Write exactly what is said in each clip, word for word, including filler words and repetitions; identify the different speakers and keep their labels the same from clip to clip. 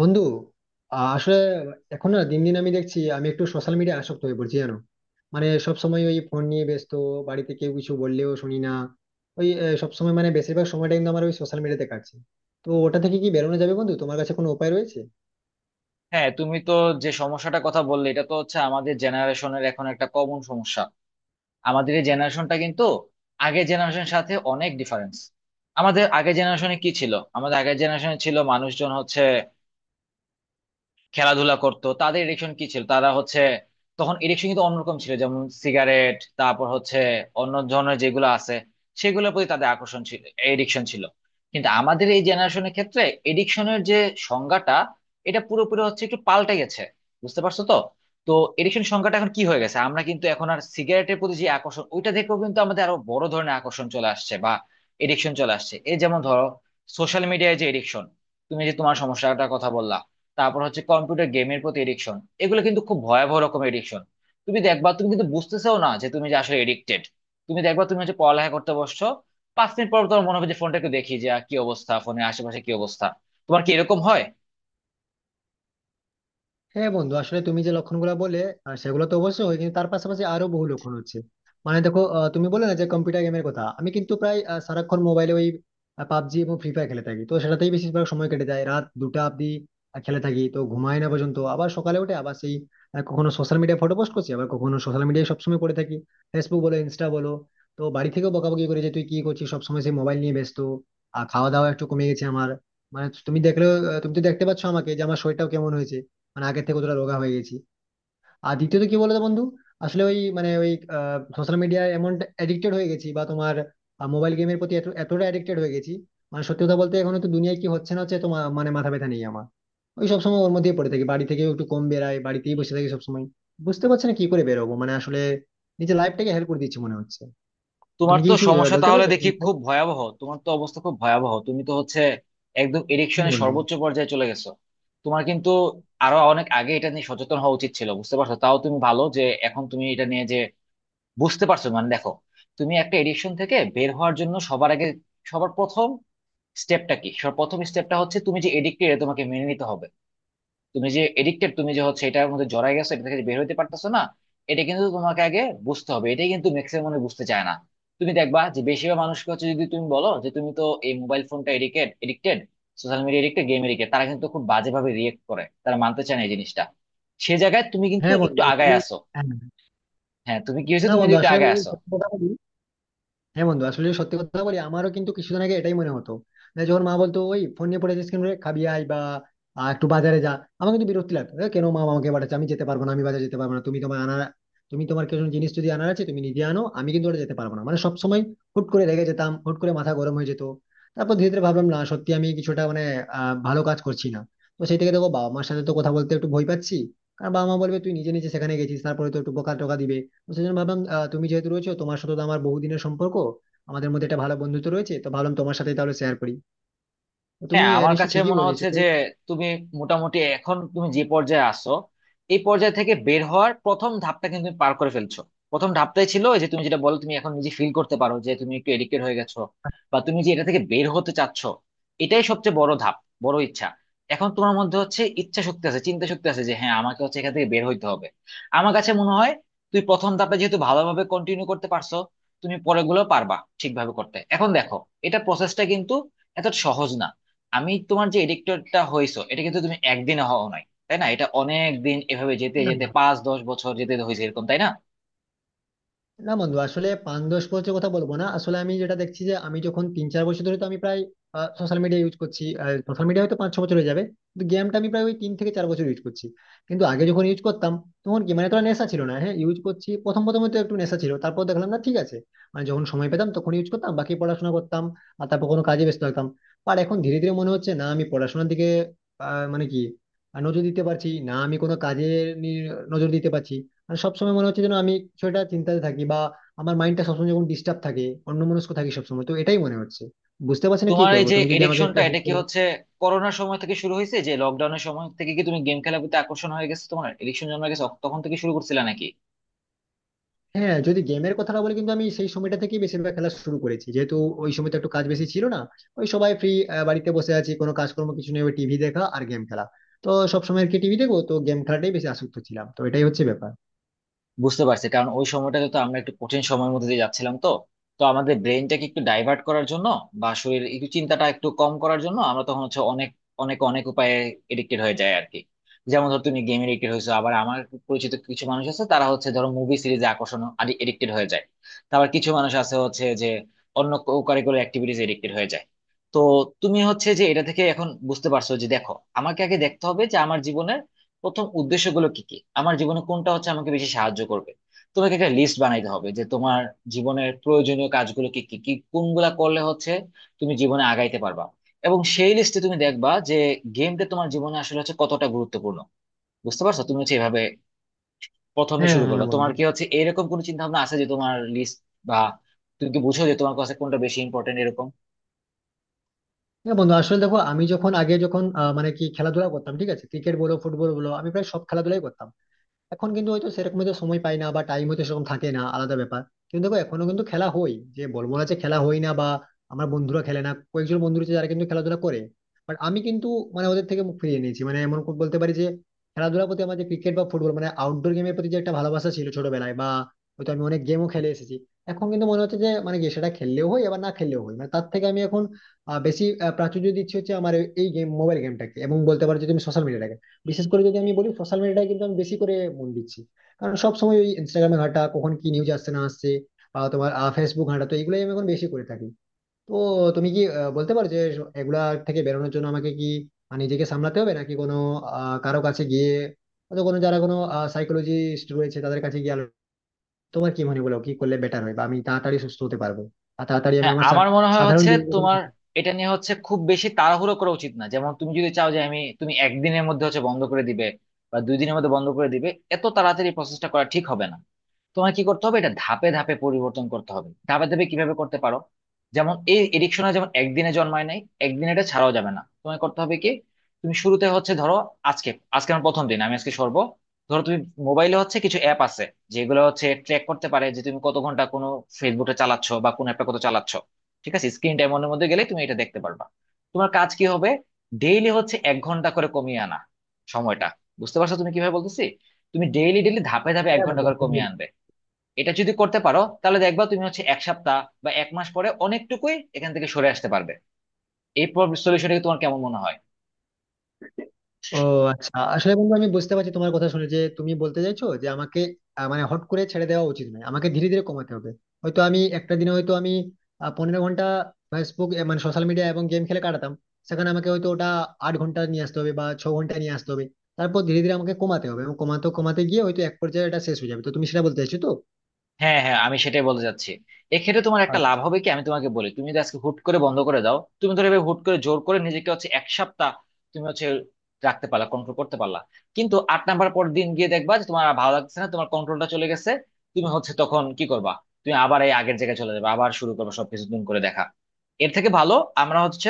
Speaker 1: বন্ধু আহ, আসলে এখন না দিন দিন আমি দেখছি আমি একটু সোশ্যাল মিডিয়া আসক্ত হয়ে পড়ছি জানো। মানে সব সময় ওই ফোন নিয়ে ব্যস্ত, বাড়িতে কেউ কিছু বললেও শুনি না। ওই সব সময় মানে বেশিরভাগ সময়টা কিন্তু আমার ওই সোশ্যাল মিডিয়াতে কাটছে। তো ওটা থেকে কি বেরোনো যাবে বন্ধু, তোমার কাছে কোনো উপায় রয়েছে?
Speaker 2: হ্যাঁ, তুমি তো যে সমস্যাটা কথা বললে, এটা তো হচ্ছে আমাদের জেনারেশনের এখন একটা কমন সমস্যা। আমাদের এই জেনারেশনটা কিন্তু আগের জেনারেশনের সাথে অনেক ডিফারেন্স। আমাদের আগের জেনারেশনে কি ছিল? আমাদের আগের জেনারেশনে ছিল মানুষজন হচ্ছে খেলাধুলা করতো। তাদের এডিকশন কি ছিল? তারা হচ্ছে, তখন এডিকশন কিন্তু অন্যরকম ছিল, যেমন সিগারেট, তারপর হচ্ছে অন্য ধরনের যেগুলো আছে, সেগুলোর প্রতি তাদের আকর্ষণ ছিল, এডিকশন ছিল। কিন্তু আমাদের এই জেনারেশনের ক্ষেত্রে এডিকশনের যে সংজ্ঞাটা, এটা পুরোপুরি হচ্ছে একটু পাল্টে গেছে। বুঝতে পারছো তো? তো এডিকশন সংজ্ঞাটা এখন কি হয়ে গেছে, আমরা কিন্তু এখন আর সিগারেটের প্রতি যে আকর্ষণ ওইটা দেখেও কিন্তু আমাদের আরো বড় ধরনের আকর্ষণ চলে আসছে, বা এডিকশন চলে আসছে। এই যেমন ধরো, সোশ্যাল মিডিয়ায় যে এডিকশন, তুমি যে তোমার সমস্যাটার কথা বললা, তারপর হচ্ছে কম্পিউটার গেমের প্রতি এডিকশন। এগুলো কিন্তু খুব ভয়াবহ রকমের এডিকশন। তুমি দেখবা তুমি কিন্তু বুঝতেছেও না যে তুমি যে আসলে এডিক্টেড। তুমি দেখবা তুমি হচ্ছে পড়ালেখা করতে বসছো, পাঁচ মিনিট পর তোমার মনে হবে যে ফোনটা একটু দেখি যে আহ, কি অবস্থা, ফোনের আশেপাশে কি অবস্থা। তোমার কি এরকম হয়?
Speaker 1: হ্যাঁ বন্ধু, আসলে তুমি যে লক্ষণগুলো বলে আহ, সেগুলো তো অবশ্যই হয় কিন্তু তার পাশাপাশি আরো বহু লক্ষণ হচ্ছে। মানে দেখো, আহ, তুমি বলে না যে কম্পিউটার গেমের কথা, আমি কিন্তু প্রায় আহ, সারাক্ষণ মোবাইলে ওই পাবজি এবং ফ্রি ফায়ার খেলে থাকি, তো সেটাতেই বেশিরভাগ সময় কেটে যায় রাত দুটা অব্দি। আহ, খেলে থাকি তো ঘুমাই না পর্যন্ত, আবার সকালে উঠে আবার সেই আহ, কখনো সোশ্যাল মিডিয়ায় ফটো পোস্ট করছি আবার কখনো সোশ্যাল মিডিয়ায় সবসময় পড়ে থাকি, ফেসবুক বলো ইনস্টা বলো। তো বাড়ি থেকেও বকাবকি করে যে তুই কি করছিস সবসময় সেই মোবাইল নিয়ে ব্যস্ত। আর খাওয়া দাওয়া একটু কমে গেছে আমার। মানে তুমি দেখলেও আহ, তুমি তো দেখতে পাচ্ছ আমাকে যে আমার শরীরটাও কেমন হয়েছে, মানে আগের থেকে কতটা রোগা হয়ে গেছি। আর দ্বিতীয়ত কি বলতো বন্ধু, আসলে ওই মানে ওই সোশ্যাল মিডিয়ায় এমন অ্যাডিক্টেড হয়ে গেছি বা তোমার মোবাইল গেমের প্রতি এত এতটা অ্যাডিক্টেড হয়ে গেছি, মানে সত্যি কথা বলতে এখন তো দুনিয়ায় কি হচ্ছে না হচ্ছে তো মা- মানে মাথা ব্যথা নেই আমার। ওই সব সময় ওর মধ্যেই পড়ে থাকি, বাড়ি থেকেও একটু কম বেড়াই বাড়িতেই বসে থাকি সব সময়। বুঝতে পারছি না কি করে বেরোবো, মানে আসলে নিজের লাইফটাকে হেল্প করে দিচ্ছি মনে হচ্ছে।
Speaker 2: তোমার
Speaker 1: তুমি কি
Speaker 2: তো
Speaker 1: কিছু আহ,
Speaker 2: সমস্যা
Speaker 1: বলতে
Speaker 2: তাহলে
Speaker 1: পারবে কোন
Speaker 2: দেখি
Speaker 1: বিষয়ে?
Speaker 2: খুব ভয়াবহ, তোমার তো অবস্থা খুব ভয়াবহ। তুমি তো হচ্ছে একদম
Speaker 1: হ্যাঁ,
Speaker 2: এডিকশনের
Speaker 1: বন্ধু।
Speaker 2: সর্বোচ্চ পর্যায়ে চলে গেছো। তোমার কিন্তু আরো অনেক আগে এটা নিয়ে সচেতন হওয়া উচিত ছিল, বুঝতে পারছো? তাও তুমি ভালো যে এখন তুমি এটা নিয়ে যে বুঝতে পারছো। মানে দেখো, তুমি একটা এডিকশন থেকে বের হওয়ার জন্য সবার আগে, সবার প্রথম স্টেপটা কি? সবার প্রথম স্টেপটা হচ্ছে তুমি যে এডিক্টেড তোমাকে মেনে নিতে হবে। তুমি যে এডিক্টেড, তুমি যে হচ্ছে এটার মধ্যে জড়াই গেছো, এটা থেকে যে বের হতে পারতেছো না, এটা কিন্তু তোমাকে আগে বুঝতে হবে। এটাই কিন্তু ম্যাক্সিমাম মানুষ বুঝতে চায় না। তুমি দেখবা যে বেশিরভাগ মানুষকে হচ্ছে, যদি তুমি বলো যে তুমি তো এই মোবাইল ফোনটা addicted, addicted social media, addicted game addicted, তারা কিন্তু খুব বাজেভাবে রিয়েক্ট করে, তারা মানতে চায় না এই জিনিসটা। সে জায়গায় তুমি কিন্তু
Speaker 1: হ্যাঁ
Speaker 2: একটু
Speaker 1: বন্ধু
Speaker 2: আগায়
Speaker 1: আসলে-
Speaker 2: আসো।
Speaker 1: হ্যাঁ।
Speaker 2: হ্যাঁ, তুমি কি হয়েছে,
Speaker 1: না
Speaker 2: তুমি কিন্তু
Speaker 1: বন্ধু
Speaker 2: একটু
Speaker 1: আসলে,
Speaker 2: আগায় আসো।
Speaker 1: হ্যাঁ বন্ধু আসলে সত্যি কথা বলি আমারও কিন্তু কিছুদিন আগে এটাই মনে হতো না। যখন মা বলতো ওই ফোন নিয়ে পড়ে যাস কেন রে? খাবি আয় বা আহ, একটু বাজারে যা, আমার কিন্তু বিরক্তি লাগতো, "এ, কেন মা আমাকে পাঠাচ্ছে, আমি যেতে পারবো না, আমি বাজারে যেতে পারবো না। তুমি তোমার আনার, তুমি তোমার কিছু জিনিস যদি আনার আছে তুমি নিজে আনো, আমি কিন্তু ওটা যেতে পারবো না।" মানে সবসময় হুট করে রেগে যেতাম, হুট করে মাথা গরম হয়ে যেত। তারপর ধীরে ধীরে ভাবলাম না সত্যি আমি কিছুটা মানে আহ, ভালো কাজ করছি না। তো সেই থেকে দেখো বাবা মার সাথে তো কথা বলতে একটু ভয় পাচ্ছি, কারণ বাবা মা বলবে তুই নিজে নিজে সেখানে গেছিস, তারপরে তো একটু বকা টকা দিবে। তো সেই জন্য ভাবলাম আহ, তুমি যেহেতু রয়েছো, তোমার সাথে তো আমার বহুদিনের সম্পর্ক, আমাদের মধ্যে একটা ভালো বন্ধুত্ব রয়েছে, তো ভাবলাম তোমার সাথে তাহলে শেয়ার করি। তো তুমি
Speaker 2: হ্যাঁ,
Speaker 1: আহ,
Speaker 2: আমার
Speaker 1: নিশ্চয়ই
Speaker 2: কাছে
Speaker 1: ঠিকই
Speaker 2: মনে
Speaker 1: বলেছো
Speaker 2: হচ্ছে
Speaker 1: তো।
Speaker 2: যে তুমি মোটামুটি এখন তুমি যে পর্যায়ে আসো, এই পর্যায় থেকে বের হওয়ার প্রথম ধাপটা কিন্তু তুমি পার করে ফেলছো। প্রথম ধাপটাই ছিল ওই যে তুমি যেটা বলো, তুমি এখন নিজে ফিল করতে পারো যে তুমি একটু এডিক্টেড হয়ে গেছো, বা তুমি যে এটা থেকে বের হতে চাচ্ছো, এটাই সবচেয়ে বড় ধাপ, বড় ইচ্ছা। এখন তোমার মধ্যে হচ্ছে ইচ্ছা শক্তি আছে, চিন্তা শক্তি আছে যে হ্যাঁ, আমাকে হচ্ছে এখান থেকে বের হইতে হবে। আমার কাছে মনে হয়, তুই প্রথম ধাপটা যেহেতু ভালোভাবে কন্টিনিউ করতে পারছো, তুমি পরেগুলো পারবা ঠিকভাবে করতে। এখন দেখো, এটা প্রসেসটা কিন্তু এত সহজ না। আমি তোমার যে এডিক্টরটা হয়েছো এটা কিন্তু তুমি একদিনে হও নাই, তাই না? এটা অনেক দিন এভাবে যেতে
Speaker 1: না,
Speaker 2: যেতে
Speaker 1: না,
Speaker 2: পাঁচ দশ বছর যেতে হয়েছে এরকম, তাই না?
Speaker 1: না বন্ধু আসলে পাঁচ দশ বছরের কথা বলবো না, আসলে আমি যেটা দেখছি যে আমি যখন তিন চার বছর ধরে তো আমি প্রায় সোশ্যাল মিডিয়া ইউজ করছি। সোশ্যাল মিডিয়া হয়তো পাঁচ ছ বছর হয়ে যাবে, কিন্তু গেমটা আমি প্রায় ওই তিন থেকে চার বছর ইউজ করছি। কিন্তু আগে যখন ইউজ করতাম তখন কি মানে তোরা নেশা ছিল না, হ্যাঁ ইউজ করছি প্রথম প্রথম হয়তো একটু নেশা ছিল তারপর দেখলাম না ঠিক আছে, মানে যখন সময় পেতাম তখন ইউজ করতাম বাকি পড়াশোনা করতাম আর তারপর কোনো কাজে ব্যস্ত থাকতাম। আর এখন ধীরে ধীরে মনে হচ্ছে না আমি পড়াশোনার দিকে আহ, মানে কি আহ, নজর দিতে পারছি না, আমি কোনো কাজে নি- নজর দিতে পারছি। মানে সবসময় মনে হচ্ছে যেন আমি কিছু একটা চিন্তাতে থাকি বা আমার মাইন্ডটা সবসময় যখন ডিস্টার্ব থাকে, অন্যমনস্ক থাকি সবসময় তো এটাই মনে হচ্ছে। বুঝতে পারছি না কি
Speaker 2: তোমার এই
Speaker 1: করবো,
Speaker 2: যে
Speaker 1: তুমি যদি আমাকে একটু
Speaker 2: এডিকশনটা, এটা
Speaker 1: help
Speaker 2: কি
Speaker 1: করো।
Speaker 2: হচ্ছে করোনার সময় থেকে শুরু হয়েছে, যে লকডাউনের সময় থেকে কি তুমি গেম খেলার প্রতি আকর্ষণ হয়ে গেছে, তোমার এডিকশন জন্ম গেছে তখন থেকে শুরু করছিলে নাকি?
Speaker 1: হ্যাঁ যদি গেমের কথাটা বলি কিন্তু আমি সেই সময়টা থেকেই বেশিরভাগ খেলা শুরু করেছি, যেহেতু ওই সময় তো একটু কাজ বেশি ছিল না, ওই সবাই ফ্রি, বাড়িতে বসে আছি কোনো কাজকর্ম কিছু নেই, ওই টিভি দেখা আর গেম খেলা। তো সবসময় আর কি টিভি দেখবো, তো গেম খেলাটাই বেশি আসক্ত ছিলাম, তো এটাই হচ্ছে ব্যাপার।
Speaker 2: বুঝতে পারছি, কারণ ওই সময়টাতে তো আমরা একটু কঠিন সময়ের মধ্যে দিয়ে যাচ্ছিলাম, তো তো আমাদের ব্রেনটাকে একটু ডাইভার্ট করার জন্য বা শরীর একটু চিন্তাটা একটু কম করার জন্য আমরা তখন হচ্ছে অনেক অনেক অনেক উপায়ে এডিক্টেড হয়ে যায় আর কি। যেমন ধর তুমি গেম এডিক্টেড হয়েছো, আবার আমার পরিচিত কিছু মানুষ আছে, তারা হচ্ছে ধরো মুভি সিরিজে আকর্ষণ এডিক্টেড হয়ে যায়। তারপর কিছু মানুষ আছে হচ্ছে যে অন্য কারিকুলার অ্যাক্টিভিটিস এডিক্টেড হয়ে যায়। তো তুমি হচ্ছে যে এটা থেকে এখন বুঝতে পারছো যে দেখো, আমাকে আগে দেখতে হবে যে আমার জীবনের প্রথম উদ্দেশ্যগুলো কি কি, আমার জীবনে কোনটা হচ্ছে আমাকে বেশি সাহায্য করবে। তোমাকে একটা লিস্ট বানাইতে হবে যে তোমার জীবনের প্রয়োজনীয় কাজগুলো কি কি কি, কোনগুলা করলে হচ্ছে তুমি জীবনে আগাইতে পারবা। এবং সেই লিস্টে তুমি দেখবা যে গেমটা তোমার জীবনে আসলে হচ্ছে কতটা গুরুত্বপূর্ণ। বুঝতে পারছো? তুমি হচ্ছে এভাবে প্রথমে
Speaker 1: হ্যাঁ
Speaker 2: শুরু
Speaker 1: হ্যাঁ হ্যাঁ,
Speaker 2: করবা। তোমার
Speaker 1: বন্ধু।
Speaker 2: কি হচ্ছে এরকম কোনো চিন্তা ভাবনা আছে যে তোমার লিস্ট, বা তুমি কি বুঝো যে তোমার কাছে কোনটা বেশি ইম্পর্টেন্ট এরকম?
Speaker 1: হ্যাঁ বন্ধু আসলে দেখো আমি যখন আগে যখন আহ, মানে কি খেলাধুলা করতাম, ঠিক আছে ক্রিকেট বলো ফুটবল বলো আমি প্রায় সব খেলাধুলাই করতাম। এখন কিন্তু হয়তো সেরকম হয়তো সময় পাই না বা টাইম হয়তো সেরকম থাকে না, আলাদা ব্যাপার। কিন্তু দেখো এখনো কিন্তু খেলা হয়, যে বলবো না যে খেলা হয় না বা আমার বন্ধুরা খেলে না, কয়েকজন বন্ধু রয়েছে যারা কিন্তু খেলাধুলা করে। বাট আমি কিন্তু মানে ওদের থেকে মুখ ফিরিয়ে নিয়েছি, মানে এমন করে বলতে পারি যে খেলাধুলার প্রতি আমার যে ক্রিকেট বা ফুটবল মানে আউটডোর গেমের প্রতি যে একটা ভালোবাসা ছিল ছোটবেলায় বা হয়তো আমি অনেক গেমও খেলে এসেছি, এখন কিন্তু মনে হচ্ছে যে মানে কি সেটা খেললেও হয় আবার না খেললেও হয়, মানে তার থেকে আমি এখন আহ, বেশি আহ, প্রাচুর্য দিচ্ছি হচ্ছে আমার এই গেম মোবাইল গেমটাকে এবং বলতে পারো যে তুমি সোশ্যাল মিডিয়াটাকে। বিশেষ করে যদি আমি বলি সোশ্যাল মিডিয়ায় কিন্তু আমি বেশি করে মন দিচ্ছি, কারণ সব সময় ওই ইনস্টাগ্রামে ঘাটা কখন কি নিউজ আসছে না আসছে বা তোমার ফেসবুক ঘাটা, তো এগুলোই আমি এখন বেশি করে থাকি। তো তুমি কি আহ, বলতে পারো যে এগুলা থেকে বেরোনোর জন্য আমাকে কি মানে নিজেকে সামলাতে হবে নাকি কোনো আহ কারো কাছে গিয়ে হয়তো কোনো, যারা কোনো সাইকোলজিস্ট রয়েছে তাদের কাছে গিয়ে আলো- তোমার কি মনে বলো কি করলে বেটার হয় বা আমি তাড়াতাড়ি সুস্থ হতে পারবো আর তাড়াতাড়ি আমি
Speaker 2: হ্যাঁ,
Speaker 1: আমার সা-
Speaker 2: আমার মনে হয়
Speaker 1: সাধারণ
Speaker 2: হচ্ছে তোমার এটা নিয়ে হচ্ছে খুব বেশি তাড়াহুড়ো করা উচিত না। যেমন তুমি যদি চাও যে আমি তুমি একদিনের মধ্যে হচ্ছে বন্ধ করে দিবে বা দুই দিনের মধ্যে বন্ধ করে দিবে, এত তাড়াতাড়ি প্রসেসটা করা ঠিক হবে না। তোমার কি করতে হবে, এটা ধাপে ধাপে পরিবর্তন করতে হবে। ধাপে ধাপে কিভাবে করতে পারো, যেমন এই এডিকশনে যেমন একদিনে জন্মায় নাই, একদিনে এটা ছাড়াও যাবে না। তোমায় করতে হবে কি, তুমি শুরুতে হচ্ছে ধরো আজকে আজকে আমার প্রথম দিন, আমি আজকে সরবো। ধরো তুমি মোবাইলে হচ্ছে কিছু অ্যাপ আছে যেগুলো হচ্ছে ট্র্যাক করতে পারে যে তুমি কত ঘন্টা কোনো ফেসবুকে চালাচ্ছ, বা কোন অ্যাপটা কত চালাচ্ছ। ঠিক আছে, স্ক্রিন টাইম এর মধ্যে গেলে তুমি এটা দেখতে পারবা। তোমার কাজ কি হবে, ডেইলি হচ্ছে এক ঘন্টা করে কমিয়ে আনা সময়টা। বুঝতে পারছো তুমি কিভাবে বলতেছি? তুমি ডেইলি ডেইলি ধাপে ধাপে এক ঘন্টা করে
Speaker 1: জীবনে।
Speaker 2: কমিয়ে আনবে। এটা যদি করতে পারো তাহলে দেখবা তুমি হচ্ছে এক সপ্তাহ বা এক মাস পরে অনেকটুকুই এখান থেকে সরে আসতে পারবে। এই সলিউশনটা তোমার কেমন মনে হয়?
Speaker 1: ও আচ্ছা আসলে বন্ধু, আমি বুঝতে পারছি তোমার কথা শুনে যে তুমি বলতে চাইছো যে আমাকে আহ, মানে হট করে ছেড়ে দেওয়া উচিত নয়, আমাকে ধীরে ধীরে কমাতে হবে। হয়তো আমি একটা দিনে হয়তো আমি আহ, পনেরো ঘন্টা ফেসবুক এ, মানে সোশ্যাল মিডিয়া এবং গেম খেলে কাটাতাম, সেখানে আমাকে হয়তো ওটা আট ঘন্টা নিয়ে আসতে হবে বা ছ ঘন্টা নিয়ে আসতে হবে। তারপর ধীরে ধীরে আমাকে কমাতে হবে এবং কমাতে কমাতে গিয়ে হয়তো এক পর্যায়ে এটা শেষ হয়ে যাবে, তো তুমি সেটা বলতে চাইছো তো।
Speaker 2: হ্যাঁ, হ্যাঁ, আমি সেটাই বলতে চাচ্ছি। এক্ষেত্রে তোমার একটা লাভ হবে কি, আমি তোমাকে বলি, তুমি যদি আজকে হুট করে বন্ধ করে দাও, তুমি ধরো এভাবে হুট করে জোর করে নিজেকে হচ্ছে এক সপ্তাহ তুমি হচ্ছে রাখতে পারলা, কন্ট্রোল করতে পারলা, কিন্তু আট নাম্বার পর দিন গিয়ে দেখবা যে তোমার আর ভালো লাগছে না, তোমার কন্ট্রোলটা চলে গেছে। তুমি হচ্ছে তখন কি করবা, তুমি আবার এই আগের জায়গায় চলে যাবে, আবার শুরু করবে সবকিছু নতুন করে দেখা। এর থেকে ভালো আমরা হচ্ছে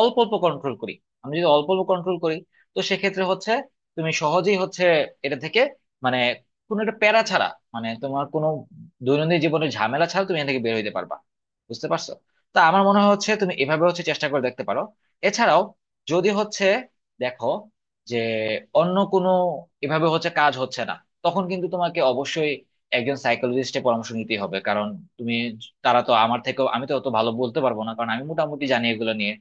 Speaker 2: অল্প অল্প কন্ট্রোল করি। আমি যদি অল্প অল্প কন্ট্রোল করি, তো সেক্ষেত্রে হচ্ছে তুমি সহজেই হচ্ছে এটা থেকে, মানে কোনো একটা প্যারা ছাড়া, মানে তোমার কোনো দৈনন্দিন জীবনের ঝামেলা ছাড়া তুমি এখান থেকে বের হইতে পারবা। বুঝতে পারছো? তা আমার মনে হয় হচ্ছে তুমি এভাবে হচ্ছে চেষ্টা করে দেখতে পারো। এছাড়াও যদি হচ্ছে দেখো যে অন্য কোনো, এভাবে হচ্ছে কাজ হচ্ছে না, তখন কিন্তু তোমাকে অবশ্যই একজন সাইকোলজিস্টের পরামর্শ নিতেই হবে। কারণ তুমি, তারা তো আমার থেকেও, আমি তো অত ভালো বলতে পারবো না, কারণ আমি মোটামুটি জানি এগুলো নিয়ে।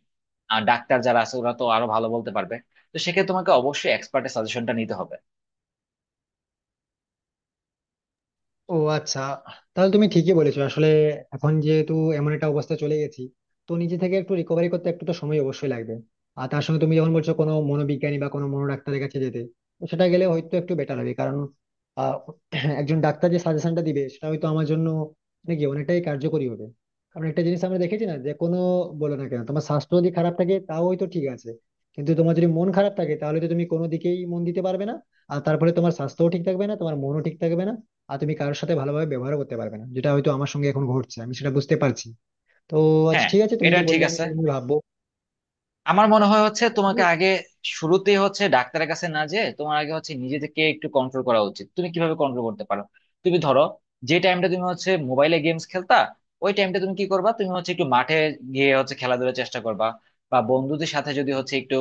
Speaker 2: আর ডাক্তার যারা আছে ওরা তো আরো ভালো বলতে পারবে। তো সেক্ষেত্রে তোমাকে অবশ্যই এক্সপার্টের সাজেশনটা নিতে হবে।
Speaker 1: ও আচ্ছা, তাহলে তুমি ঠিকই বলেছো আসলে। এখন যেহেতু এমন একটা অবস্থা চলে গেছি তো নিজে থেকে একটু রিকভারি করতে একটু তো সময় অবশ্যই লাগবে। আর তার সঙ্গে তুমি যখন বলছো কোনো মনোবিজ্ঞানী বা কোনো মনোডাক্তারের কাছে যেতে, তো সেটা গেলে হয়তো একটু বেটার হবে, কারণ আহ, একজন ডাক্তার যে সাজেশনটা দিবে সেটা হয়তো আমার জন্য মানে কি অনেকটাই কার্যকরী হবে। কারণ একটা জিনিস আমরা দেখেছি না যে কোনো, বলো না কেন তোমার স্বাস্থ্য যদি খারাপ থাকে তাও হয়তো ঠিক আছে, কিন্তু তোমার যদি মন খারাপ থাকে তাহলে তো তুমি কোনো দিকেই মন দিতে পারবে না, আর তারপরে তোমার স্বাস্থ্যও ঠিক থাকবে না তোমার মনও ঠিক থাকবে না, আর তুমি কারোর সাথে ভালোভাবে ব্যবহার করতে পারবে না, যেটা হয়তো আমার সঙ্গে এখন ঘটছে আমি সেটা বুঝতে পারছি। তো আচ্ছা
Speaker 2: হ্যাঁ,
Speaker 1: ঠিক আছে, তুমি
Speaker 2: এটা
Speaker 1: যে
Speaker 2: ঠিক
Speaker 1: বললে আমি
Speaker 2: আছে।
Speaker 1: সেটা নিয়ে ভাববো
Speaker 2: আমার মনে হয় হচ্ছে
Speaker 1: বন্ধু।
Speaker 2: তোমাকে আগে, শুরুতেই হচ্ছে ডাক্তারের কাছে না যেয়ে তোমার আগে হচ্ছে নিজেকে একটু কন্ট্রোল করা উচিত। তুমি কিভাবে কন্ট্রোল করতে পারো, তুমি ধরো যে টাইমটা তুমি হচ্ছে মোবাইলে গেমস খেলতা, ওই টাইমটা তুমি কি করবা, তুমি হচ্ছে একটু মাঠে গিয়ে হচ্ছে খেলাধুলার চেষ্টা করবা, বা বন্ধুদের সাথে যদি হচ্ছে একটু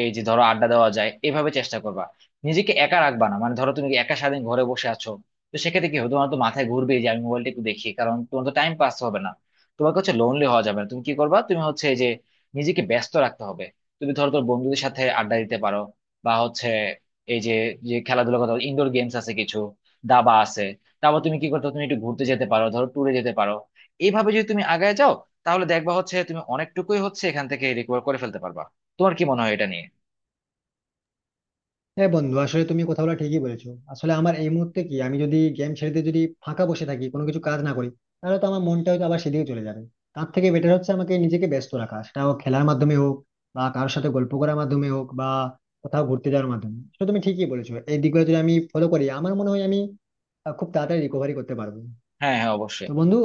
Speaker 2: এই যে ধরো আড্ডা দেওয়া যায়, এভাবে চেষ্টা করবা। নিজেকে একা রাখবা না, মানে ধরো তুমি একা সারাদিন ঘরে বসে আছো, তো সেক্ষেত্রে কি হবে, তোমার তো মাথায় ঘুরবে যে আমি মোবাইলটা একটু দেখি, কারণ তোমার তো টাইম পাস হবে না। তোমাকে হচ্ছে লোনলি হওয়া যাবে না। তুমি কি করবা, তুমি হচ্ছে এই যে নিজেকে ব্যস্ত রাখতে হবে। তুমি ধরো তোর বন্ধুদের সাথে আড্ডা দিতে পারো, বা হচ্ছে এই যে, যে খেলাধুলা কথা ইনডোর গেমস আছে কিছু, দাবা আছে। তারপর তুমি কি করতে পারো? তুমি একটু ঘুরতে যেতে পারো, ধরো ট্যুরে যেতে পারো। এইভাবে যদি তুমি আগায় যাও, তাহলে দেখবা হচ্ছে তুমি অনেকটুকুই হচ্ছে এখান থেকে রিকভার করে ফেলতে পারবা। তোমার কি মনে হয় এটা নিয়ে?
Speaker 1: হ্যাঁ বন্ধু আসলে তুমি কথাগুলো ঠিকই বলেছো। আসলে আমার এই মুহূর্তে কি আমি যদি গেম ছেড়ে দিয়ে যদি ফাঁকা বসে থাকি কোনো কিছু কাজ না করি, তাহলে তো আমার মনটা হয়তো আবার সেদিকে চলে যাবে। তার থেকে বেটার হচ্ছে আমাকে নিজেকে ব্যস্ত রাখা, সেটা হোক খেলার মাধ্যমে হোক বা কারোর সাথে গল্প করার মাধ্যমে হোক বা কোথাও ঘুরতে যাওয়ার মাধ্যমে। সেটা তুমি ঠিকই বলেছো, এই দিকগুলো যদি আমি ফলো করি আমার মনে হয় আমি আহ, খুব তাড়াতাড়ি রিকভারি করতে পারবো।
Speaker 2: হ্যাঁ, হ্যাঁ, অবশ্যই।
Speaker 1: তো বন্ধু,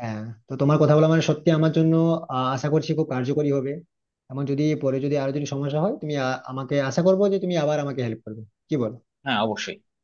Speaker 1: হ্যাঁ, তো তোমার কথা বলা মানে সত্যি আমার জন্য আহ, আশা করছি খুব কার্যকরী হবে। এবং যদি পরে যদি আরো যদি সমস্যা হয় তুমি আ- আমাকে আশা করবো যে তুমি আবার আমাকে হেল্প করবে, কি বল?
Speaker 2: হ্যাঁ, অবশ্যই।